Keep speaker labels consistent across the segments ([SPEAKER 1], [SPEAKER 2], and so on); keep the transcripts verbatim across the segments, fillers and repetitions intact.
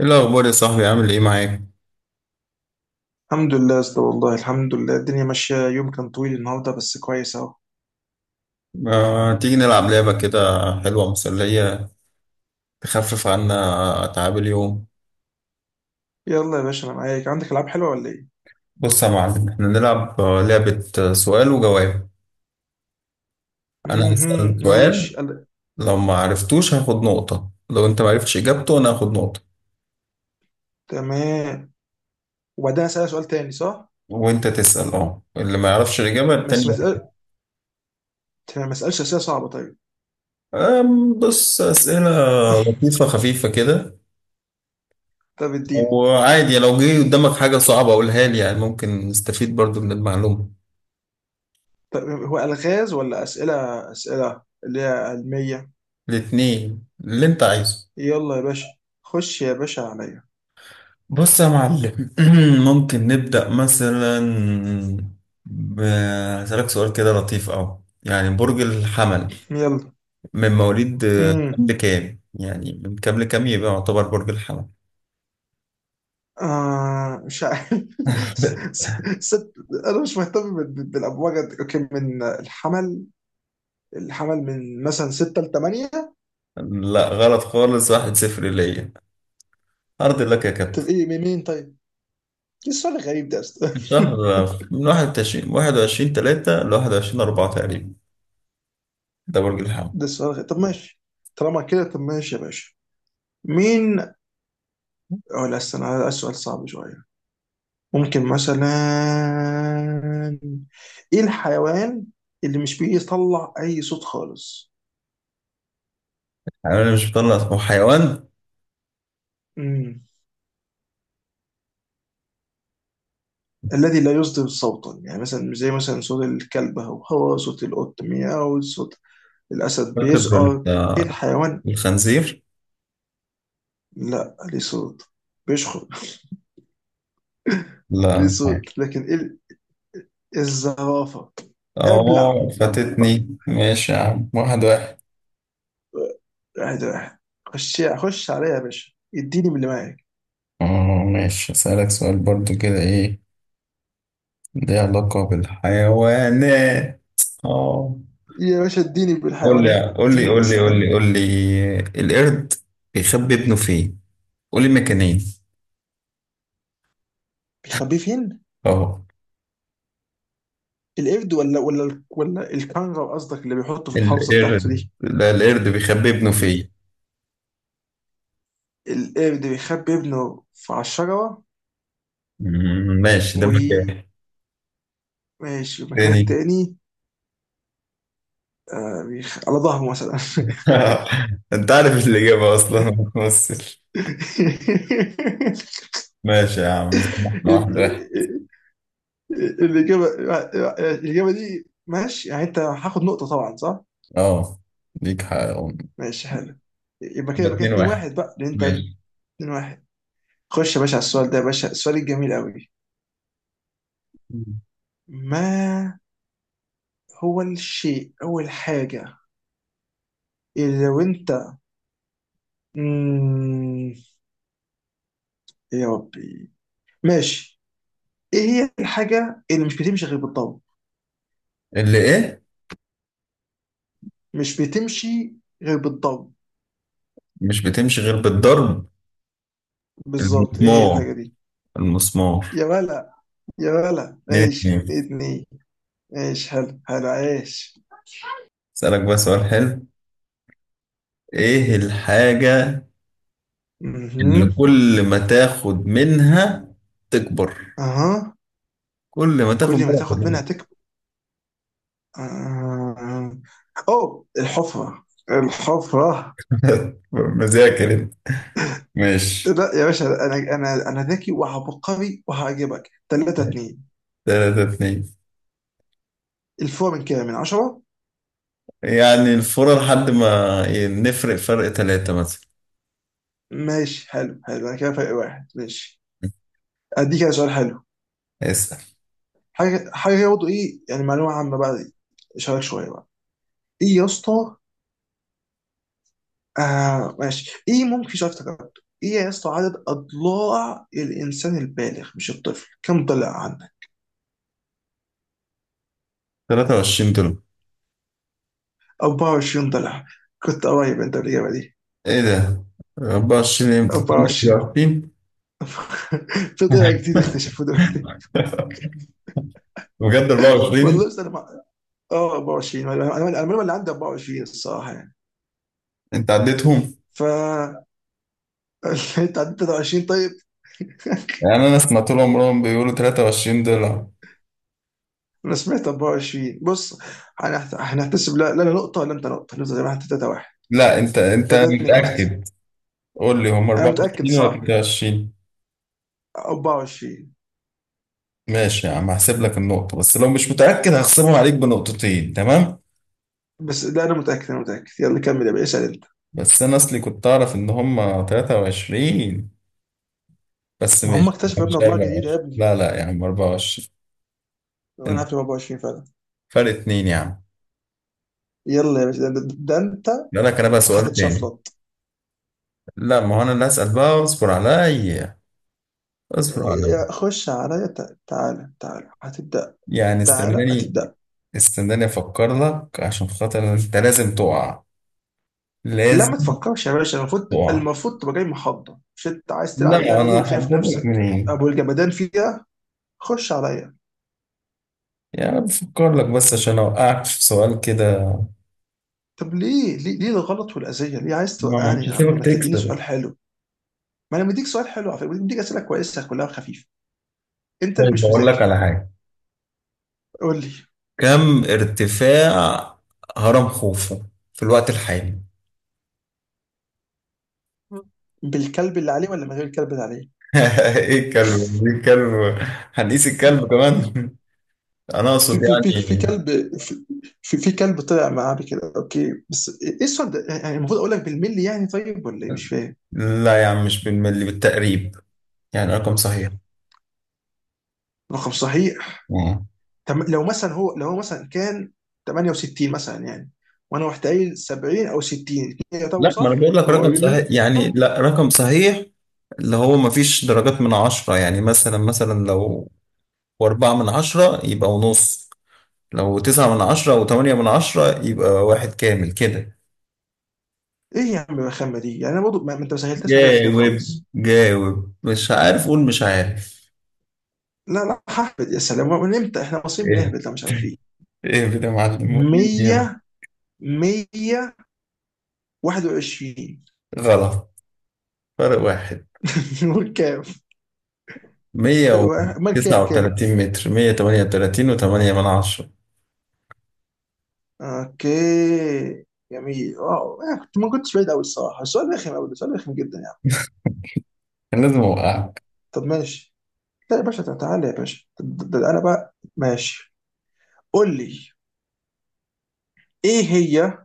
[SPEAKER 1] ايه الاخبار يا صاحبي؟ عامل ايه معاك؟
[SPEAKER 2] الحمد لله يا اسطى، والله الحمد لله. الدنيا ماشية، يوم كان طويل النهاردة بس كويس اهو.
[SPEAKER 1] آه، تيجي نلعب لعبه كده؟ حلوه مسليه، تخفف عنا اتعاب اليوم.
[SPEAKER 2] يلا يا باشا، انا معاك. عندك العاب حلوة ولا ايه؟
[SPEAKER 1] بص يا معلم، احنا نلعب آه، لعبه آه، سؤال وجواب. انا
[SPEAKER 2] اها
[SPEAKER 1] هسأل
[SPEAKER 2] ماشي.
[SPEAKER 1] سؤال.
[SPEAKER 2] قال-
[SPEAKER 1] لو ما عرفتوش هاخد نقطه. لو انت ما عرفتش اجابته انا هاخد نقطه.
[SPEAKER 2] تمام. وبعدين اسألك سؤال تاني صح؟
[SPEAKER 1] وانت تسأل، اه اللي ما يعرفش الاجابه
[SPEAKER 2] بس ما
[SPEAKER 1] التاني.
[SPEAKER 2] اسأل ما اسألش اسئلة صعبة طيب.
[SPEAKER 1] آم، بص، اسئله لطيفه خفيفه كده.
[SPEAKER 2] طب اديني.
[SPEAKER 1] وعادي لو جه قدامك حاجه صعبه قولها لي، يعني ممكن نستفيد برضو من المعلومه.
[SPEAKER 2] طب هو الغاز ولا اسئلة؟ اسئلة اللي هي علمية؟
[SPEAKER 1] الاتنين اللي انت عايزه.
[SPEAKER 2] يلا يا باشا، خش يا باشا عليا.
[SPEAKER 1] بص يا معلم، ممكن نبدأ مثلا ب- هسألك سؤال كده لطيف أوي، يعني برج الحمل
[SPEAKER 2] يلا.
[SPEAKER 1] من مواليد آه،
[SPEAKER 2] امم
[SPEAKER 1] كام لكام؟ يعني من كام لكام يبقى يعتبر برج الحمل؟
[SPEAKER 2] آه مش عارف. ست... انا مش مهتم بال- بالابواج. قد- اوكي، من الحمل. الحمل من مثلا ستة ل تمانية.
[SPEAKER 1] لا، غلط خالص. واحد صفر ليا. أرض لك يا كابتن.
[SPEAKER 2] طب ايه، من مين طيب؟ ايه السؤال الغريب ده يا اسطى؟
[SPEAKER 1] شهر. آه، من واحد وعشرين واحد وعشرين تلاتة لواحد وعشرين أربعة تقريبا. ده برج الحمل.
[SPEAKER 2] ده السؤال الغريب، طب ماشي. طالما كده، طب ماشي يا باشا. مين؟ اه لا، استنى، ده السؤال صعب شوية. ممكن مثلا، ايه الحيوان اللي مش بيطلع اي صوت خالص؟
[SPEAKER 1] يعني أنا مش بطلع؟ هو حيوان
[SPEAKER 2] امم الذي لا يصدر صوتا. يعني مثلا، زي مثلا صوت الكلب، هو هو صوت القط مياو، صوت الاسد
[SPEAKER 1] فاقد.
[SPEAKER 2] بيزقر. ايه الحيوان؟
[SPEAKER 1] الخنزير.
[SPEAKER 2] لا، ليه صوت، بيشخر. ليه
[SPEAKER 1] لا.
[SPEAKER 2] صوت، لكن ايه ال- الزرافه. ابلع.
[SPEAKER 1] اه، فاتتني. ماشي يا عم، واحد واحد.
[SPEAKER 2] واحد واحد. خش خش عليا يا باشا، اديني من اللي معاك.
[SPEAKER 1] اه، ماشي. اسألك سؤال برضو كده ايه، ليه علاقة بالحيوانات. اه
[SPEAKER 2] يا باشا اديني
[SPEAKER 1] قول لي
[SPEAKER 2] بالحيوانات،
[SPEAKER 1] قول لي
[SPEAKER 2] اديني يا
[SPEAKER 1] قول لي قول
[SPEAKER 2] سلام.
[SPEAKER 1] لي قول لي، القرد بيخبي ابنه فين؟ قول لي مكانين.
[SPEAKER 2] بيخبيه فين؟
[SPEAKER 1] اه.
[SPEAKER 2] القرد ولا ولا ولا الكنغر، قصدك اللي بيحطه في الحافظه بتاعته
[SPEAKER 1] القرد
[SPEAKER 2] دي؟
[SPEAKER 1] لا، القرد بيخبي ابنه
[SPEAKER 2] ال-
[SPEAKER 1] فين.
[SPEAKER 2] القرد بيخبي ابنه في، على الشجره.
[SPEAKER 1] مم، ماشي، ده
[SPEAKER 2] وماشي،
[SPEAKER 1] مكان.
[SPEAKER 2] المكان
[SPEAKER 1] تاني.
[SPEAKER 2] التاني. آه، بيخ... على ظهره مثلا.
[SPEAKER 1] انت عارف الإجابة أصلا، ما بتمثل. ماشي يا عم، زي ما احنا، واحد واحد.
[SPEAKER 2] الإجابة الإجابة دي ماشي، يعني أنت هاخد نقطة طبعا صح؟
[SPEAKER 1] اه، ليك حق.
[SPEAKER 2] ماشي حلو. يبقى كده
[SPEAKER 1] ده
[SPEAKER 2] يبقى كده
[SPEAKER 1] اتنين
[SPEAKER 2] اتنين
[SPEAKER 1] واحد
[SPEAKER 2] واحد، بقى لأن أنت
[SPEAKER 1] ماشي.
[SPEAKER 2] اتنين واحد. خش يا باشا على السؤال ده، يا باشا السؤال الجميل قوي. ما هو الشيء أو الحاجة اللي لو أنت، مم... يا ربي، ماشي. إيه هي الحاجة اللي مش بتمشي غير بالضرب؟
[SPEAKER 1] اللي ايه
[SPEAKER 2] مش بتمشي غير بالضرب،
[SPEAKER 1] مش بتمشي غير بالضرب؟
[SPEAKER 2] بالظبط. إيه هي
[SPEAKER 1] المسمار.
[SPEAKER 2] الحاجة دي؟
[SPEAKER 1] المسمار.
[SPEAKER 2] يا ولا، يا ولا
[SPEAKER 1] اتنين
[SPEAKER 2] ماشي.
[SPEAKER 1] اتنين
[SPEAKER 2] اتنين اتنين. ماشي حلو حلو، عايش.
[SPEAKER 1] اسألك بقى سؤال حلو. ايه الحاجة
[SPEAKER 2] مهم.
[SPEAKER 1] اللي كل ما تاخد منها تكبر؟
[SPEAKER 2] اها.
[SPEAKER 1] كل ما تاخد
[SPEAKER 2] كل ما
[SPEAKER 1] منها
[SPEAKER 2] تاخد
[SPEAKER 1] تكبر.
[SPEAKER 2] منها تكبر. آه. اوه، الحفرة! الحفرة!
[SPEAKER 1] مذاكر انت. ماشي.
[SPEAKER 2] لا يا باشا، انا انا انا ذكي وعبقري وهعجبك. تلاتة اتنين.
[SPEAKER 1] تلاتة اتنين.
[SPEAKER 2] الفور من كام، من عشرة؟
[SPEAKER 1] يعني الفورة لحد ما ي- نفرق فرق تلاتة مثلا.
[SPEAKER 2] ماشي حلو حلو، انا كده فرق واحد، ماشي. اديك كده سؤال حلو.
[SPEAKER 1] اسأل.
[SPEAKER 2] حاجه حاجه برضه، ايه يعني، معلومه عامه بقى دي. اشارك شويه بقى. ايه يا اسطى. آه ماشي، ايه ممكن، شايف تكتب. ايه يا اسطى، عدد اضلاع الانسان البالغ، مش الطفل، كم ضلع؟
[SPEAKER 1] تلاتة وعشرين دول.
[SPEAKER 2] اربعة وعشرين ضلع. كنت قريب انت بالاجابه دي.
[SPEAKER 1] ايه ده؟ اربعة وعشرين؟ امتى
[SPEAKER 2] اربعة وعشرين.
[SPEAKER 1] تلاتة وعشرين؟
[SPEAKER 2] في ضلع جديد اكتشفوه دلوقتي.
[SPEAKER 1] بجد اربعة وعشرين؟
[SPEAKER 2] والله بس انا ما- اه اربعة وعشرين. انا انا المعلومه اللي عندي اربعة وعشرين، الصراحه يعني.
[SPEAKER 1] انت عديتهم.
[SPEAKER 2] ف انت عديت تلاتة وعشرين طيب؟
[SPEAKER 1] يعني انا سمعت لهم راهم بيقولوا تلاتة وعشرين دولار.
[SPEAKER 2] انا سمعت اربعة وعشرين، بص. هنحت- هنحتسب. لا لا، أنا نقطه ولا انت نقطه؟ نفضل زي ما احنا، تلاتة واحد.
[SPEAKER 1] لا، انت انت
[SPEAKER 2] تلاتة اتنين قصدي.
[SPEAKER 1] متأكد؟ قول لي، هم
[SPEAKER 2] انا متاكد،
[SPEAKER 1] اربعة وعشرين ولا
[SPEAKER 2] صح،
[SPEAKER 1] تلاتة وعشرين؟
[SPEAKER 2] اربعة وعشرين.
[SPEAKER 1] ماشي يا عم، هحسب لك النقطة. بس لو مش متأكد هخصمهم عليك بنقطتين، تمام؟
[SPEAKER 2] بس لا، انا متاكد، انا متاكد. يلا كمل يا باشا، اسال انت.
[SPEAKER 1] بس انا اصلي كنت اعرف ان هم تلاتة وعشرين. بس
[SPEAKER 2] ما هم
[SPEAKER 1] ماشي،
[SPEAKER 2] اكتشفوا يا ابني
[SPEAKER 1] مش
[SPEAKER 2] اضلاع جديده يا
[SPEAKER 1] اربعة وعشرين؟
[SPEAKER 2] ابني.
[SPEAKER 1] لا لا يا عم، اربعة وعشرين.
[SPEAKER 2] انا
[SPEAKER 1] انت
[SPEAKER 2] عارف إن اربعة وعشرين فعلا.
[SPEAKER 1] فرق اتنين يا عم.
[SPEAKER 2] يلا يا باشا، ده, ده, ده انت
[SPEAKER 1] لا، لك انا بقى سؤال تاني.
[SPEAKER 2] هتتشفلط.
[SPEAKER 1] لا، ما هو انا اللي هسأل بقى. اصبر عليا، اصبر
[SPEAKER 2] إيه،
[SPEAKER 1] عليا.
[SPEAKER 2] خش عليا. تع- تعالى تعالى، هتبدأ.
[SPEAKER 1] يعني
[SPEAKER 2] تعالى
[SPEAKER 1] استناني،
[SPEAKER 2] هتبدأ.
[SPEAKER 1] استناني افكر لك عشان خاطر انت لازم تقع،
[SPEAKER 2] لا
[SPEAKER 1] لازم
[SPEAKER 2] ما تفكرش يا باشا، المفروض
[SPEAKER 1] تقع.
[SPEAKER 2] المفروض تبقى جاي محضر. مش انت عايز تلعب
[SPEAKER 1] لا،
[SPEAKER 2] اللعبة دي
[SPEAKER 1] انا
[SPEAKER 2] وشايف
[SPEAKER 1] هقول لك
[SPEAKER 2] نفسك
[SPEAKER 1] منين.
[SPEAKER 2] ابو الجمدان فيها؟ خش عليا.
[SPEAKER 1] يعني بفكر لك بس عشان اوقعك في سؤال كده.
[SPEAKER 2] طب ليه ليه ليه الغلط والأذية؟ ليه عايز
[SPEAKER 1] ما
[SPEAKER 2] توقعني
[SPEAKER 1] مش
[SPEAKER 2] يا عم؟
[SPEAKER 1] هسيبك
[SPEAKER 2] ما تديني
[SPEAKER 1] تكسب.
[SPEAKER 2] سؤال حلو. ما انا مديك سؤال حلو على فكرة، مديك أسئلة كويسة كلها خفيفة، انت اللي
[SPEAKER 1] طيب،
[SPEAKER 2] مش
[SPEAKER 1] اقول لك
[SPEAKER 2] مذاكر.
[SPEAKER 1] على حاجه.
[SPEAKER 2] قول لي.
[SPEAKER 1] كم ارتفاع هرم خوفو في الوقت الحالي؟
[SPEAKER 2] بالكلب اللي عليه ولا من غير الكلب اللي عليه؟
[SPEAKER 1] ايه الكلب؟ ايه الكلب؟ هنقيس الكلب كمان؟ انا اقصد
[SPEAKER 2] في في في في
[SPEAKER 1] يعني.
[SPEAKER 2] كلب. في في في كلب طلع معاه بكده، اوكي. بس ايه السؤال ده يعني؟ المفروض اقول لك بالملي يعني، طيب ولا ايه؟ مش فاهم.
[SPEAKER 1] لا يا عم، مش بالملي، بالتقريب. يعني رقم صحيح.
[SPEAKER 2] رقم صحيح. تم- لو مثلا هو لو هو مثلا كان تمانية وستين مثلا يعني، وانا رحت قايل سبعين او ستين، الاتنين يعتبروا
[SPEAKER 1] لا، ما انا
[SPEAKER 2] صح،
[SPEAKER 1] بقول لك
[SPEAKER 2] هم
[SPEAKER 1] رقم
[SPEAKER 2] قريبين
[SPEAKER 1] صحيح. يعني
[SPEAKER 2] منه.
[SPEAKER 1] لا، رقم صحيح. اللي هو ما فيش درجات من عشرة. يعني مثلا مثلا لو أربعة من عشرة يبقى ونص. لو تسعة من عشرة أو تمانية من عشرة يبقى واحد كامل كده.
[SPEAKER 2] ايه يا عم الرخامه دي يعني؟ انا برضه ما ما انت ما سهلتش عليا كده
[SPEAKER 1] جاوب
[SPEAKER 2] خالص.
[SPEAKER 1] جاوب. مش عارف قول مش عارف.
[SPEAKER 2] لا لا، ههبد، يا سلام! من امتى احنا مصريين
[SPEAKER 1] ايه
[SPEAKER 2] بنهبد؟ لا، مش عارفين.
[SPEAKER 1] ايه كده يا معلم، وريني يلا.
[SPEAKER 2] مية. مية واحد وعشرين.
[SPEAKER 1] غلط. فرق واحد.
[SPEAKER 2] وكام؟
[SPEAKER 1] مية
[SPEAKER 2] امال
[SPEAKER 1] وتسعة
[SPEAKER 2] كام، كام؟
[SPEAKER 1] وتلاتين متر. مية تمانية وتلاتين وتمانية من عشرة.
[SPEAKER 2] اوكي، جميل، واو. انا كنت ما كنتش بعيد قوي الصراحه. السؤال رخم قوي، السؤال رخم جدا يعني.
[SPEAKER 1] كان لازم أوقعك.
[SPEAKER 2] طب ماشي. لا يا باشا، تع- تعالى يا باشا. طب ده ده انا بقى، ماشي. قول لي. ايه هي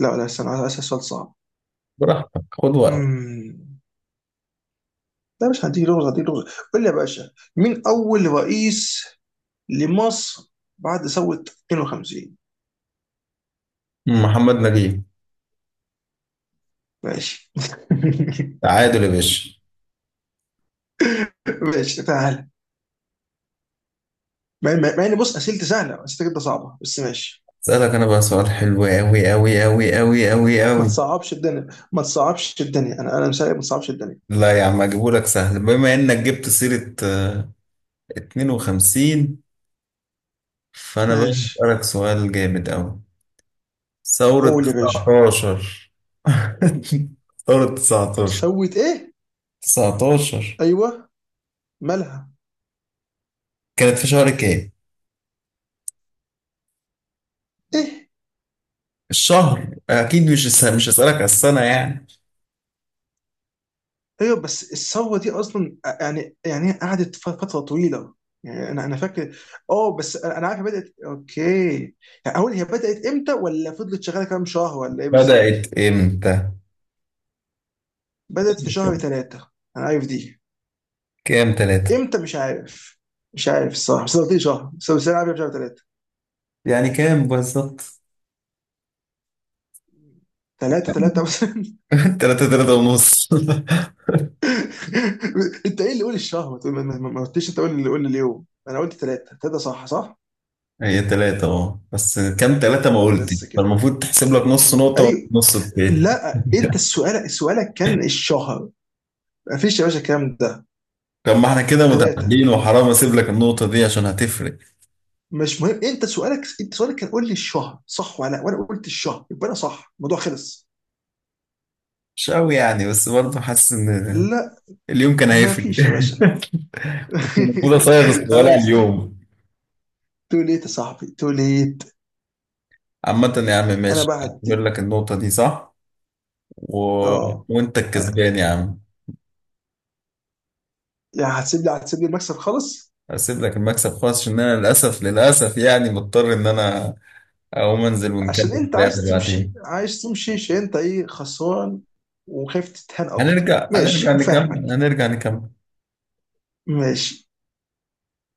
[SPEAKER 2] لا لا، استنى، عايز اسال سؤال صعب.
[SPEAKER 1] براحتك، خد وقت.
[SPEAKER 2] امم لا، مش هديك لغز. هديك لغز. قول لي يا باشا، مين اول رئيس لمصر بعد ثوره اتنين وخمسين؟
[SPEAKER 1] محمد نجيب.
[SPEAKER 2] ماشي.
[SPEAKER 1] تعادل يا باشا.
[SPEAKER 2] ماشي، تعالى. مع مع- مع ان، بص، اسئلتي سهله، اسئلتك انت صعبه، بس ماشي.
[SPEAKER 1] اسألك انا بقى سؤال حلو، أوي أوي أوي أوي أوي أوي.
[SPEAKER 2] ما تصعبش الدنيا، ما تصعبش الدنيا، انا انا مساعد، ما تصعبش الدنيا.
[SPEAKER 1] لا يا عم، اجيبهولك سهل. بما انك جبت سيرة آه، اتنين وخمسين، فانا بقى
[SPEAKER 2] ماشي.
[SPEAKER 1] اسألك سؤال جامد أوي. ثورة
[SPEAKER 2] قول يا باشا.
[SPEAKER 1] تسعتاشر. ثورة تسعتاشر.
[SPEAKER 2] سوت ايه؟
[SPEAKER 1] تسعتاشر
[SPEAKER 2] ايوه، مالها.
[SPEAKER 1] كانت في شهر كام؟
[SPEAKER 2] ايه؟
[SPEAKER 1] الشهر اكيد، مش الس- مش هسألك على السنة يعني.
[SPEAKER 2] ايوه. بس الثوره دي اصلا يعني يعني هي قعدت ف- فتره طويله. يعني انا انا فاكر. اه بس انا أنا عارف هي بدات، اوكي. يعني اقول هي بدات امتى، ولا فضلت شغاله كام شهر، ولا ايه بالظبط؟
[SPEAKER 1] بدأت امتى؟
[SPEAKER 2] بدات في شهر ثلاثة. انا عارف دي.
[SPEAKER 1] كام تلاتة؟
[SPEAKER 2] امتى؟ مش عارف. مش عارف الصراحه، بس أنا قلت لي شهر بس بس انا عارف شهر ثلاثة.
[SPEAKER 1] يعني كام بالظبط؟
[SPEAKER 2] ثلاثة ثلاثة بس.
[SPEAKER 1] تلاتة تلاتة ونص.
[SPEAKER 2] انت ايه اللي قول الشهر؟ ما تقول- ما- ما- ما قلتش انت قول اللي قول اليوم. انا قلت ثلاثة ثلاثة، صح صح.
[SPEAKER 1] هي تلاتة، اه، بس كام تلاتة ما قلت.
[SPEAKER 2] بس كده.
[SPEAKER 1] فالمفروض تحسب لك نص نقطة
[SPEAKER 2] ايوه.
[SPEAKER 1] ونص التاني.
[SPEAKER 2] لا، انت السؤال سؤالك كان الشهر. ما فيش يا باشا الكلام ده.
[SPEAKER 1] طب ما احنا كده
[SPEAKER 2] ثلاثة.
[SPEAKER 1] متعادلين، وحرام اسيب لك النقطة دي عشان هتفرق.
[SPEAKER 2] مش مهم، انت سؤالك انت سؤالك كان قول لي الشهر صح ولا لا، وانا قلت الشهر، يبقى انا صح، الموضوع خلص.
[SPEAKER 1] مش قوي يعني، بس برضه حاسس ان
[SPEAKER 2] لا،
[SPEAKER 1] اليوم كان
[SPEAKER 2] ما
[SPEAKER 1] هيفرق.
[SPEAKER 2] فيش يا باشا.
[SPEAKER 1] المفروض اصيغ السؤال على
[SPEAKER 2] خلاص.
[SPEAKER 1] اليوم.
[SPEAKER 2] تو ليت يا صاحبي، تو ليت.
[SPEAKER 1] عامة يا عم،
[SPEAKER 2] انا
[SPEAKER 1] ماشي،
[SPEAKER 2] بعد
[SPEAKER 1] اعتبر
[SPEAKER 2] دي.
[SPEAKER 1] لك النقطة دي صح و...
[SPEAKER 2] اه
[SPEAKER 1] وانت
[SPEAKER 2] آه،
[SPEAKER 1] الكسبان يا عم.
[SPEAKER 2] يعني هتسيب لي هتسيب لي المكسب خالص؟
[SPEAKER 1] هسيب لك المكسب خالص، عشان انا للاسف للاسف يعني مضطر ان انا اقوم انزل
[SPEAKER 2] عشان
[SPEAKER 1] ونكمل
[SPEAKER 2] انت
[SPEAKER 1] اللعبة
[SPEAKER 2] عايز تمشي،
[SPEAKER 1] بعدين.
[SPEAKER 2] عايز تمشي عشان انت ايه، خسران، وخايف تتهان اكتر.
[SPEAKER 1] هنرجع، هنرجع
[SPEAKER 2] ماشي، فاهمك.
[SPEAKER 1] نكمل، هنرجع نكمل.
[SPEAKER 2] ماشي.